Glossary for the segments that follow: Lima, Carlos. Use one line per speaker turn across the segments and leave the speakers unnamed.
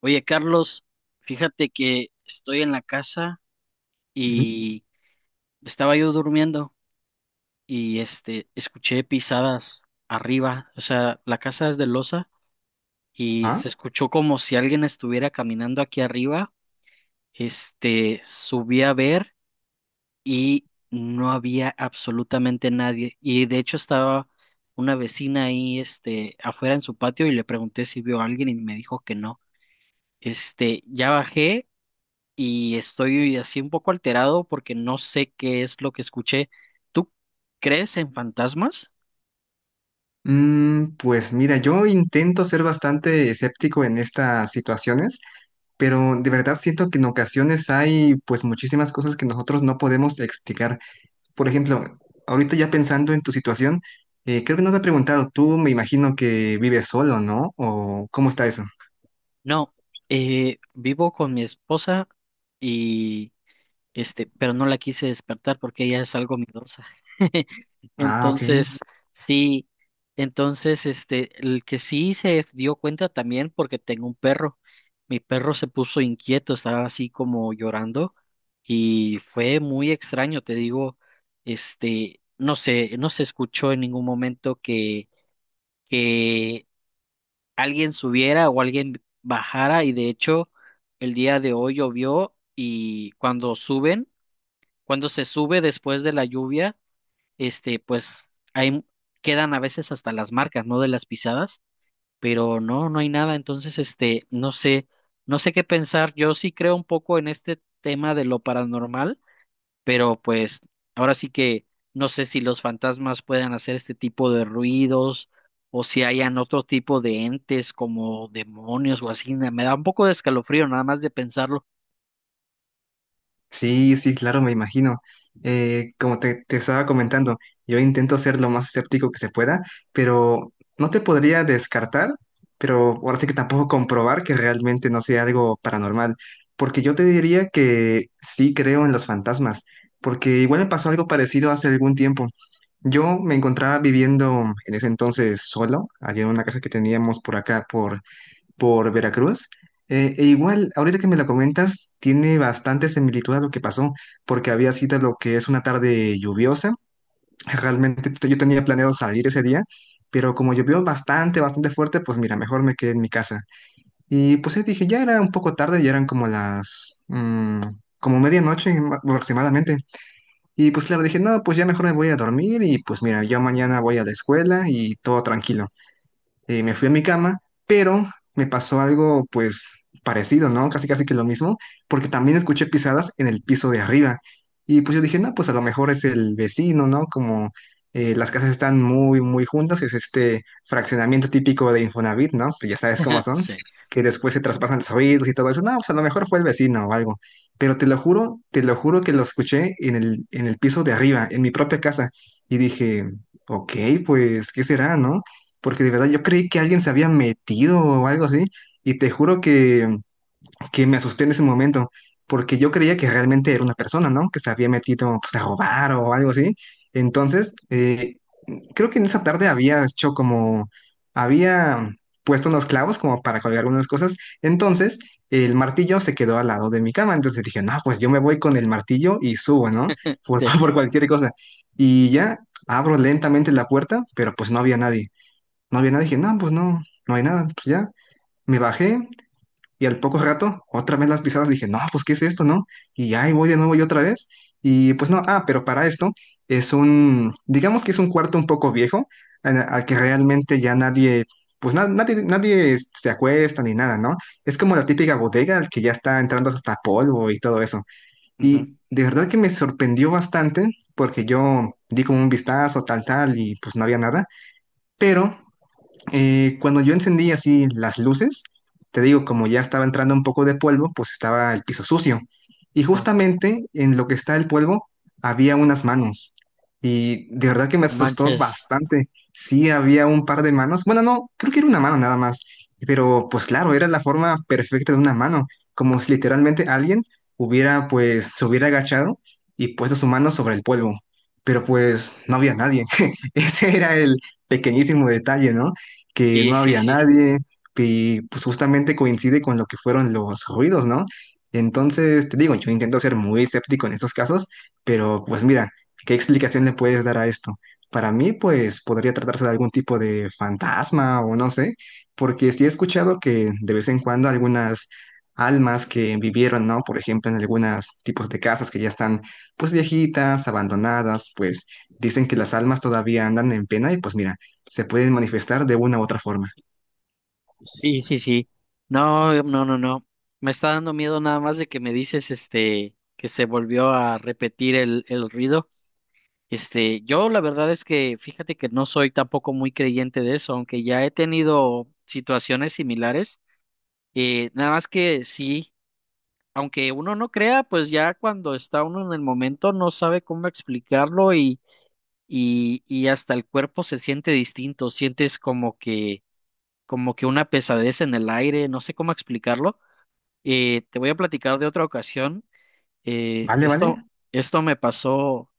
Oye, Carlos, fíjate que estoy en la casa
Ujú,
y estaba yo durmiendo y escuché pisadas arriba, o sea, la casa es de losa y
ajá.
se escuchó como si alguien estuviera caminando aquí arriba. Subí a ver y no había absolutamente nadie y de hecho estaba una vecina ahí afuera en su patio y le pregunté si vio a alguien y me dijo que no. Ya bajé y estoy así un poco alterado porque no sé qué es lo que escuché. ¿Tú crees en fantasmas?
Pues mira, yo intento ser bastante escéptico en estas situaciones, pero de verdad siento que en ocasiones hay pues muchísimas cosas que nosotros no podemos explicar. Por ejemplo, ahorita ya pensando en tu situación, creo que no te he preguntado, tú me imagino que vives solo, ¿no? ¿O cómo está eso?
No, vivo con mi esposa, pero no la quise despertar porque ella es algo miedosa.
Ah, ok.
Entonces, sí, entonces, el que sí se dio cuenta también porque tengo un perro. Mi perro se puso inquieto, estaba así como llorando y fue muy extraño, te digo, no sé, no se escuchó en ningún momento que alguien subiera o alguien bajara. Y de hecho el día de hoy llovió y cuando se sube después de la lluvia, pues ahí quedan a veces hasta las marcas, ¿no? De las pisadas, pero no, no hay nada. Entonces, no sé qué pensar. Yo sí creo un poco en este tema de lo paranormal, pero pues ahora sí que no sé si los fantasmas puedan hacer este tipo de ruidos o si hayan otro tipo de entes como demonios o así. Me da un poco de escalofrío nada más de pensarlo.
Sí, sí, claro, me imagino. Como te estaba comentando, yo intento ser lo más escéptico que se pueda, pero no te podría descartar, pero ahora sí que tampoco comprobar que realmente no sea algo paranormal, porque yo te diría que sí creo en los fantasmas, porque igual me pasó algo parecido hace algún tiempo. Yo me encontraba viviendo en ese entonces solo, allí en una casa que teníamos por acá, por Veracruz. E igual, ahorita que me lo comentas, tiene bastante similitud a lo que pasó, porque había sido lo que es una tarde lluviosa. Realmente yo tenía planeado salir ese día, pero como llovió bastante, bastante fuerte, pues mira, mejor me quedé en mi casa. Y pues sí, dije, ya era un poco tarde, ya eran como las como medianoche aproximadamente. Y pues claro, dije, no, pues ya mejor me voy a dormir y pues mira, yo mañana voy a la escuela y todo tranquilo me fui a mi cama, pero me pasó algo pues parecido, ¿no? Casi casi que lo mismo, porque también escuché pisadas en el piso de arriba. Y pues yo dije, no, pues a lo mejor es el vecino, ¿no? Como las casas están muy, muy juntas, es este fraccionamiento típico de Infonavit, ¿no? Pues ya sabes cómo son,
Sí,
que después se traspasan los oídos y todo eso. No, pues a lo mejor fue el vecino o algo. Pero te lo juro que lo escuché en el piso de arriba, en mi propia casa. Y dije, ok, pues, ¿qué será, no? porque de verdad yo creí que alguien se había metido o algo así, y te juro que me asusté en ese momento, porque yo creía que realmente era una persona, ¿no? Que se había metido pues, a robar o algo así. Entonces, creo que en esa tarde había hecho como, había puesto unos clavos como para colgar algunas cosas, entonces el martillo se quedó al lado de mi cama, entonces dije, no, pues yo me voy con el martillo y subo, ¿no? Por,
sí.
por cualquier cosa. Y ya abro lentamente la puerta, pero pues no había nadie. No había nada, dije, no, pues no, no hay nada, pues ya. Me bajé y al poco rato, otra vez las pisadas, dije, no, pues ¿qué es esto, no? Y ahí voy de nuevo y otra vez. Y pues no, ah, pero para esto es un, digamos que es un cuarto un poco viejo, al que realmente ya nadie, pues nadie, nadie se acuesta ni nada, ¿no? Es como la típica bodega al que ya está entrando hasta polvo y todo eso.
Ujú.
Y de verdad que me sorprendió bastante porque yo di como un vistazo, tal, tal, y pues no había nada. Pero cuando yo encendí así las luces, te digo, como ya estaba entrando un poco de polvo, pues estaba el piso sucio. Y
No,
justamente en lo que está el polvo había unas manos. Y de verdad que me
no
asustó
manches.
bastante. Sí, había un par de manos. Bueno, no, creo que era una mano nada más. Pero pues claro, era la forma perfecta de una mano. Como si literalmente alguien hubiera, pues, se hubiera agachado y puesto su mano sobre el polvo. Pero pues no había nadie. Ese era el pequeñísimo detalle, ¿no? que
Sí,
no
sí,
había
sí,
nadie, y pues justamente coincide con lo que fueron los ruidos, ¿no? Entonces, te digo, yo intento ser muy escéptico en estos casos, pero pues mira, ¿qué explicación le puedes dar a esto? Para mí, pues podría tratarse de algún tipo de fantasma o no sé, porque sí he escuchado que de vez en cuando algunas almas que vivieron, ¿no? Por ejemplo, en algunos tipos de casas que ya están pues viejitas, abandonadas, pues dicen que las almas todavía andan en pena y pues mira se pueden manifestar de una u otra forma.
sí, sí, sí. No, no, no, no. Me está dando miedo nada más de que me dices, que se volvió a repetir el ruido. Yo la verdad es que fíjate que no soy tampoco muy creyente de eso, aunque ya he tenido situaciones similares. Nada más que sí, aunque uno no crea, pues ya cuando está uno en el momento no sabe cómo explicarlo y hasta el cuerpo se siente distinto. Sientes como que una pesadez en el aire, no sé cómo explicarlo. Te voy a platicar de otra ocasión. Eh,
¿Vale,
esto,
vale?
Esto me pasó,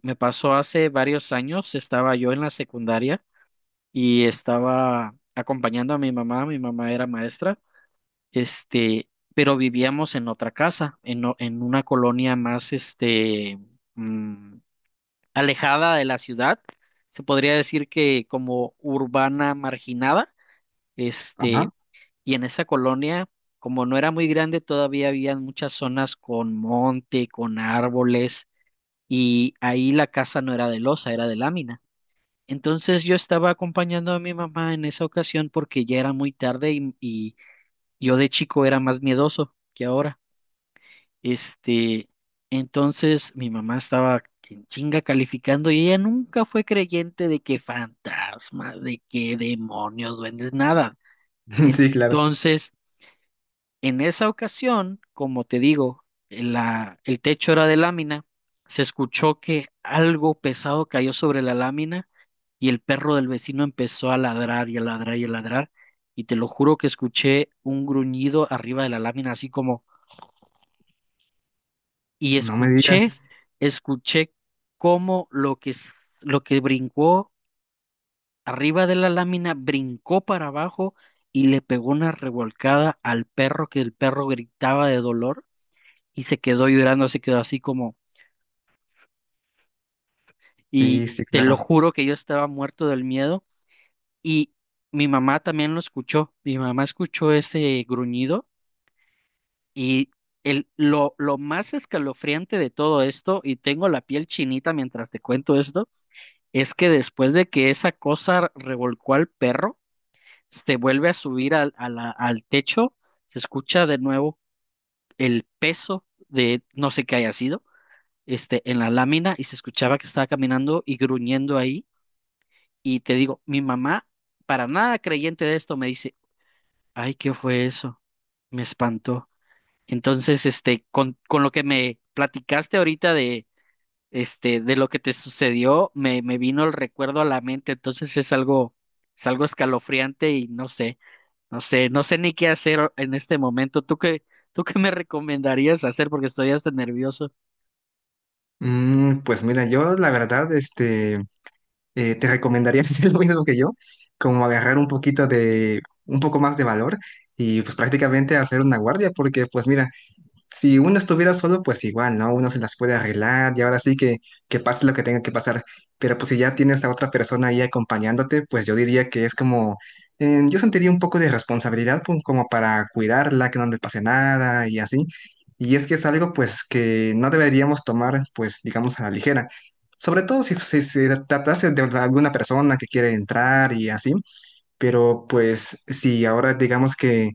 me pasó hace varios años. Estaba yo en la secundaria y estaba acompañando a mi mamá. Mi mamá era maestra, este, pero vivíamos en otra casa, en una colonia más, mm, alejada de la ciudad. Se podría decir que como urbana marginada. Este,
Ajá.
Y en esa colonia, como no era muy grande, todavía había muchas zonas con monte, con árboles, y ahí la casa no era de losa, era de lámina. Entonces yo estaba acompañando a mi mamá en esa ocasión porque ya era muy tarde y yo de chico era más miedoso que ahora. Este, entonces mi mamá estaba en chinga calificando y ella nunca fue creyente de que fantasmas, de que demonios, duendes, nada.
Sí, claro.
Entonces. En esa ocasión, como te digo, el techo era de lámina, se escuchó que algo pesado cayó sobre la lámina y el perro del vecino empezó a ladrar y a ladrar y a ladrar. Y te lo juro que escuché un gruñido arriba de la lámina, así como, y
No me digas.
escuché cómo lo que brincó arriba de la lámina brincó para abajo y le pegó una revolcada al perro, que el perro gritaba de dolor y se quedó llorando, se quedó así como,
Sí,
y
sí,
te lo
claro.
juro que yo estaba muerto del miedo y mi mamá también lo escuchó, mi mamá escuchó ese gruñido y lo más escalofriante de todo esto, y tengo la piel chinita mientras te cuento esto, es que después de que esa cosa revolcó al perro, se vuelve a subir al techo, se escucha de nuevo el peso de no sé qué haya sido, en la lámina, y se escuchaba que estaba caminando y gruñendo ahí. Y te digo, mi mamá, para nada creyente de esto, me dice, ay, ¿qué fue eso? Me espantó. Entonces, con lo que me platicaste ahorita de lo que te sucedió, me vino el recuerdo a la mente. Entonces es algo escalofriante y no sé ni qué hacer en este momento. ¿Tú qué me recomendarías hacer? Porque estoy hasta nervioso.
Pues mira, yo la verdad, te recomendaría hacer lo mismo que yo, como agarrar un poquito de, un poco más de valor y pues prácticamente hacer una guardia, porque pues mira, si uno estuviera solo, pues igual, ¿no? Uno se las puede arreglar y ahora sí que pase lo que tenga que pasar. Pero pues si ya tienes a otra persona ahí acompañándote, pues yo diría que es como, yo sentiría un poco de responsabilidad pues, como para cuidarla, que no le pase nada y así. Y es que es algo pues que no deberíamos tomar pues digamos a la ligera. Sobre todo si, si se tratase de alguna persona que quiere entrar y así. Pero pues si ahora digamos que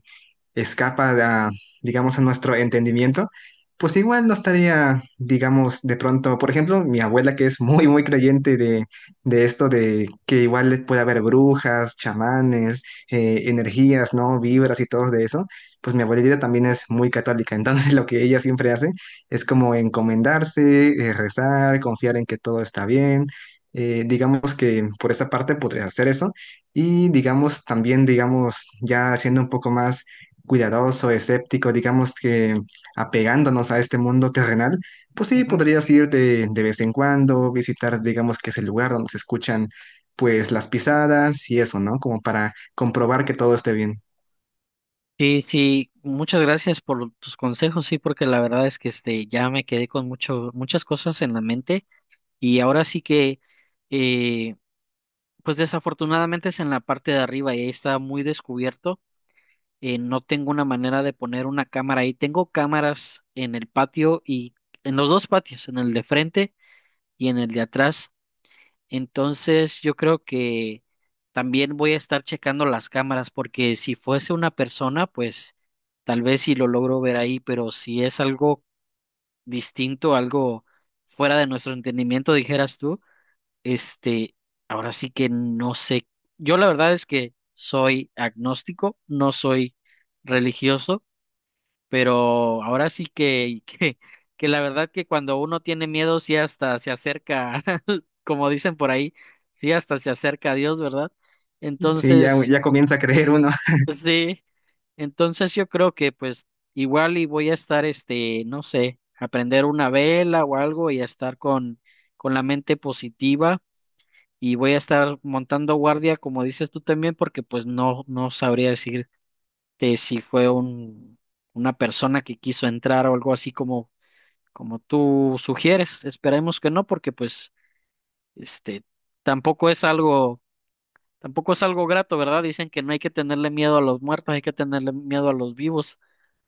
escapa a, digamos, a nuestro entendimiento, pues igual no estaría, digamos, de pronto, por ejemplo, mi abuela que es muy, muy creyente de esto de que igual puede haber brujas, chamanes, energías, ¿no? Vibras y todo de eso, pues mi abuelita también es muy católica, entonces lo que ella siempre hace es como encomendarse, rezar, confiar en que todo está bien. Digamos que por esa parte podrías hacer eso y digamos también digamos ya siendo un poco más cuidadoso, escéptico, digamos que apegándonos a este mundo terrenal, pues sí,
Ujú.
podrías ir de vez en cuando, visitar, digamos que ese lugar donde se escuchan pues las pisadas y eso, ¿no? Como para comprobar que todo esté bien.
Sí, sí, muchas gracias por tus consejos, sí, porque la verdad es que ya me quedé con muchas cosas en la mente. Y ahora sí que, eh, pues desafortunadamente es en la parte de arriba y ahí está muy descubierto. No tengo una manera de poner una cámara ahí. Tengo cámaras en el patio y en los dos patios, en el de frente y en el de atrás. Entonces, yo creo que también voy a estar checando las cámaras, porque si fuese una persona, pues tal vez si lo logro ver ahí, pero si es algo distinto, algo fuera de nuestro entendimiento, dijeras tú, este, ahora sí que no sé. Yo la verdad es que soy agnóstico, no soy religioso, pero ahora sí que, que la verdad, que cuando uno tiene miedo, sí hasta se acerca, como dicen por ahí, sí hasta se acerca a Dios, ¿verdad?
Sí, ya,
Entonces,
ya comienza a creer uno.
pues sí, entonces yo creo que pues igual y voy a estar, no sé, a prender una vela o algo y a estar con, la mente positiva. Y voy a estar montando guardia, como dices tú también, porque pues no, no sabría decirte si fue una persona que quiso entrar, o algo así como tú sugieres. Esperemos que no, porque pues, este, tampoco es algo, tampoco es algo grato, ¿verdad? Dicen que no hay que tenerle miedo a los muertos, hay que tenerle miedo a los vivos.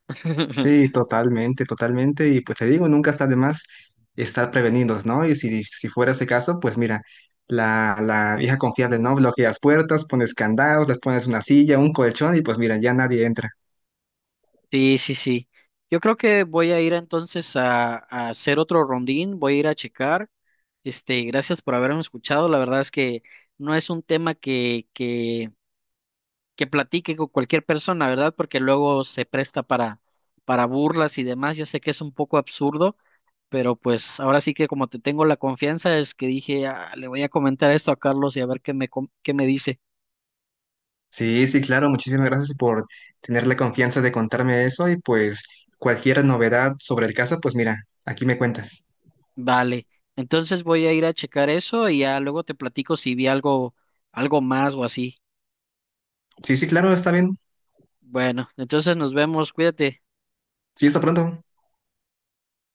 Sí, totalmente, totalmente. Y pues te digo, nunca está de más estar prevenidos, ¿no? Y si, si fuera ese caso, pues mira, la vieja confiable, ¿no? Bloqueas puertas, pones candados, les pones una silla, un colchón y pues mira, ya nadie entra.
Sí, sí, sí. Yo creo que voy a ir entonces a hacer otro rondín, voy a ir a checar. Gracias por haberme escuchado. La verdad es que no es un tema que platique con cualquier persona, ¿verdad? Porque luego se presta para burlas y demás. Yo sé que es un poco absurdo, pero pues ahora sí que, como te tengo la confianza, es que dije: "Ah, le voy a comentar esto a Carlos y a ver qué me dice".
Sí, sí, claro, muchísimas gracias por tener la confianza de contarme eso y pues cualquier novedad sobre el caso, pues mira, aquí me cuentas.
Vale, entonces voy a ir a checar eso y ya luego te platico si vi algo, más o así.
Sí, sí, claro, está bien.
Bueno, entonces nos vemos, cuídate.
Sí, hasta pronto.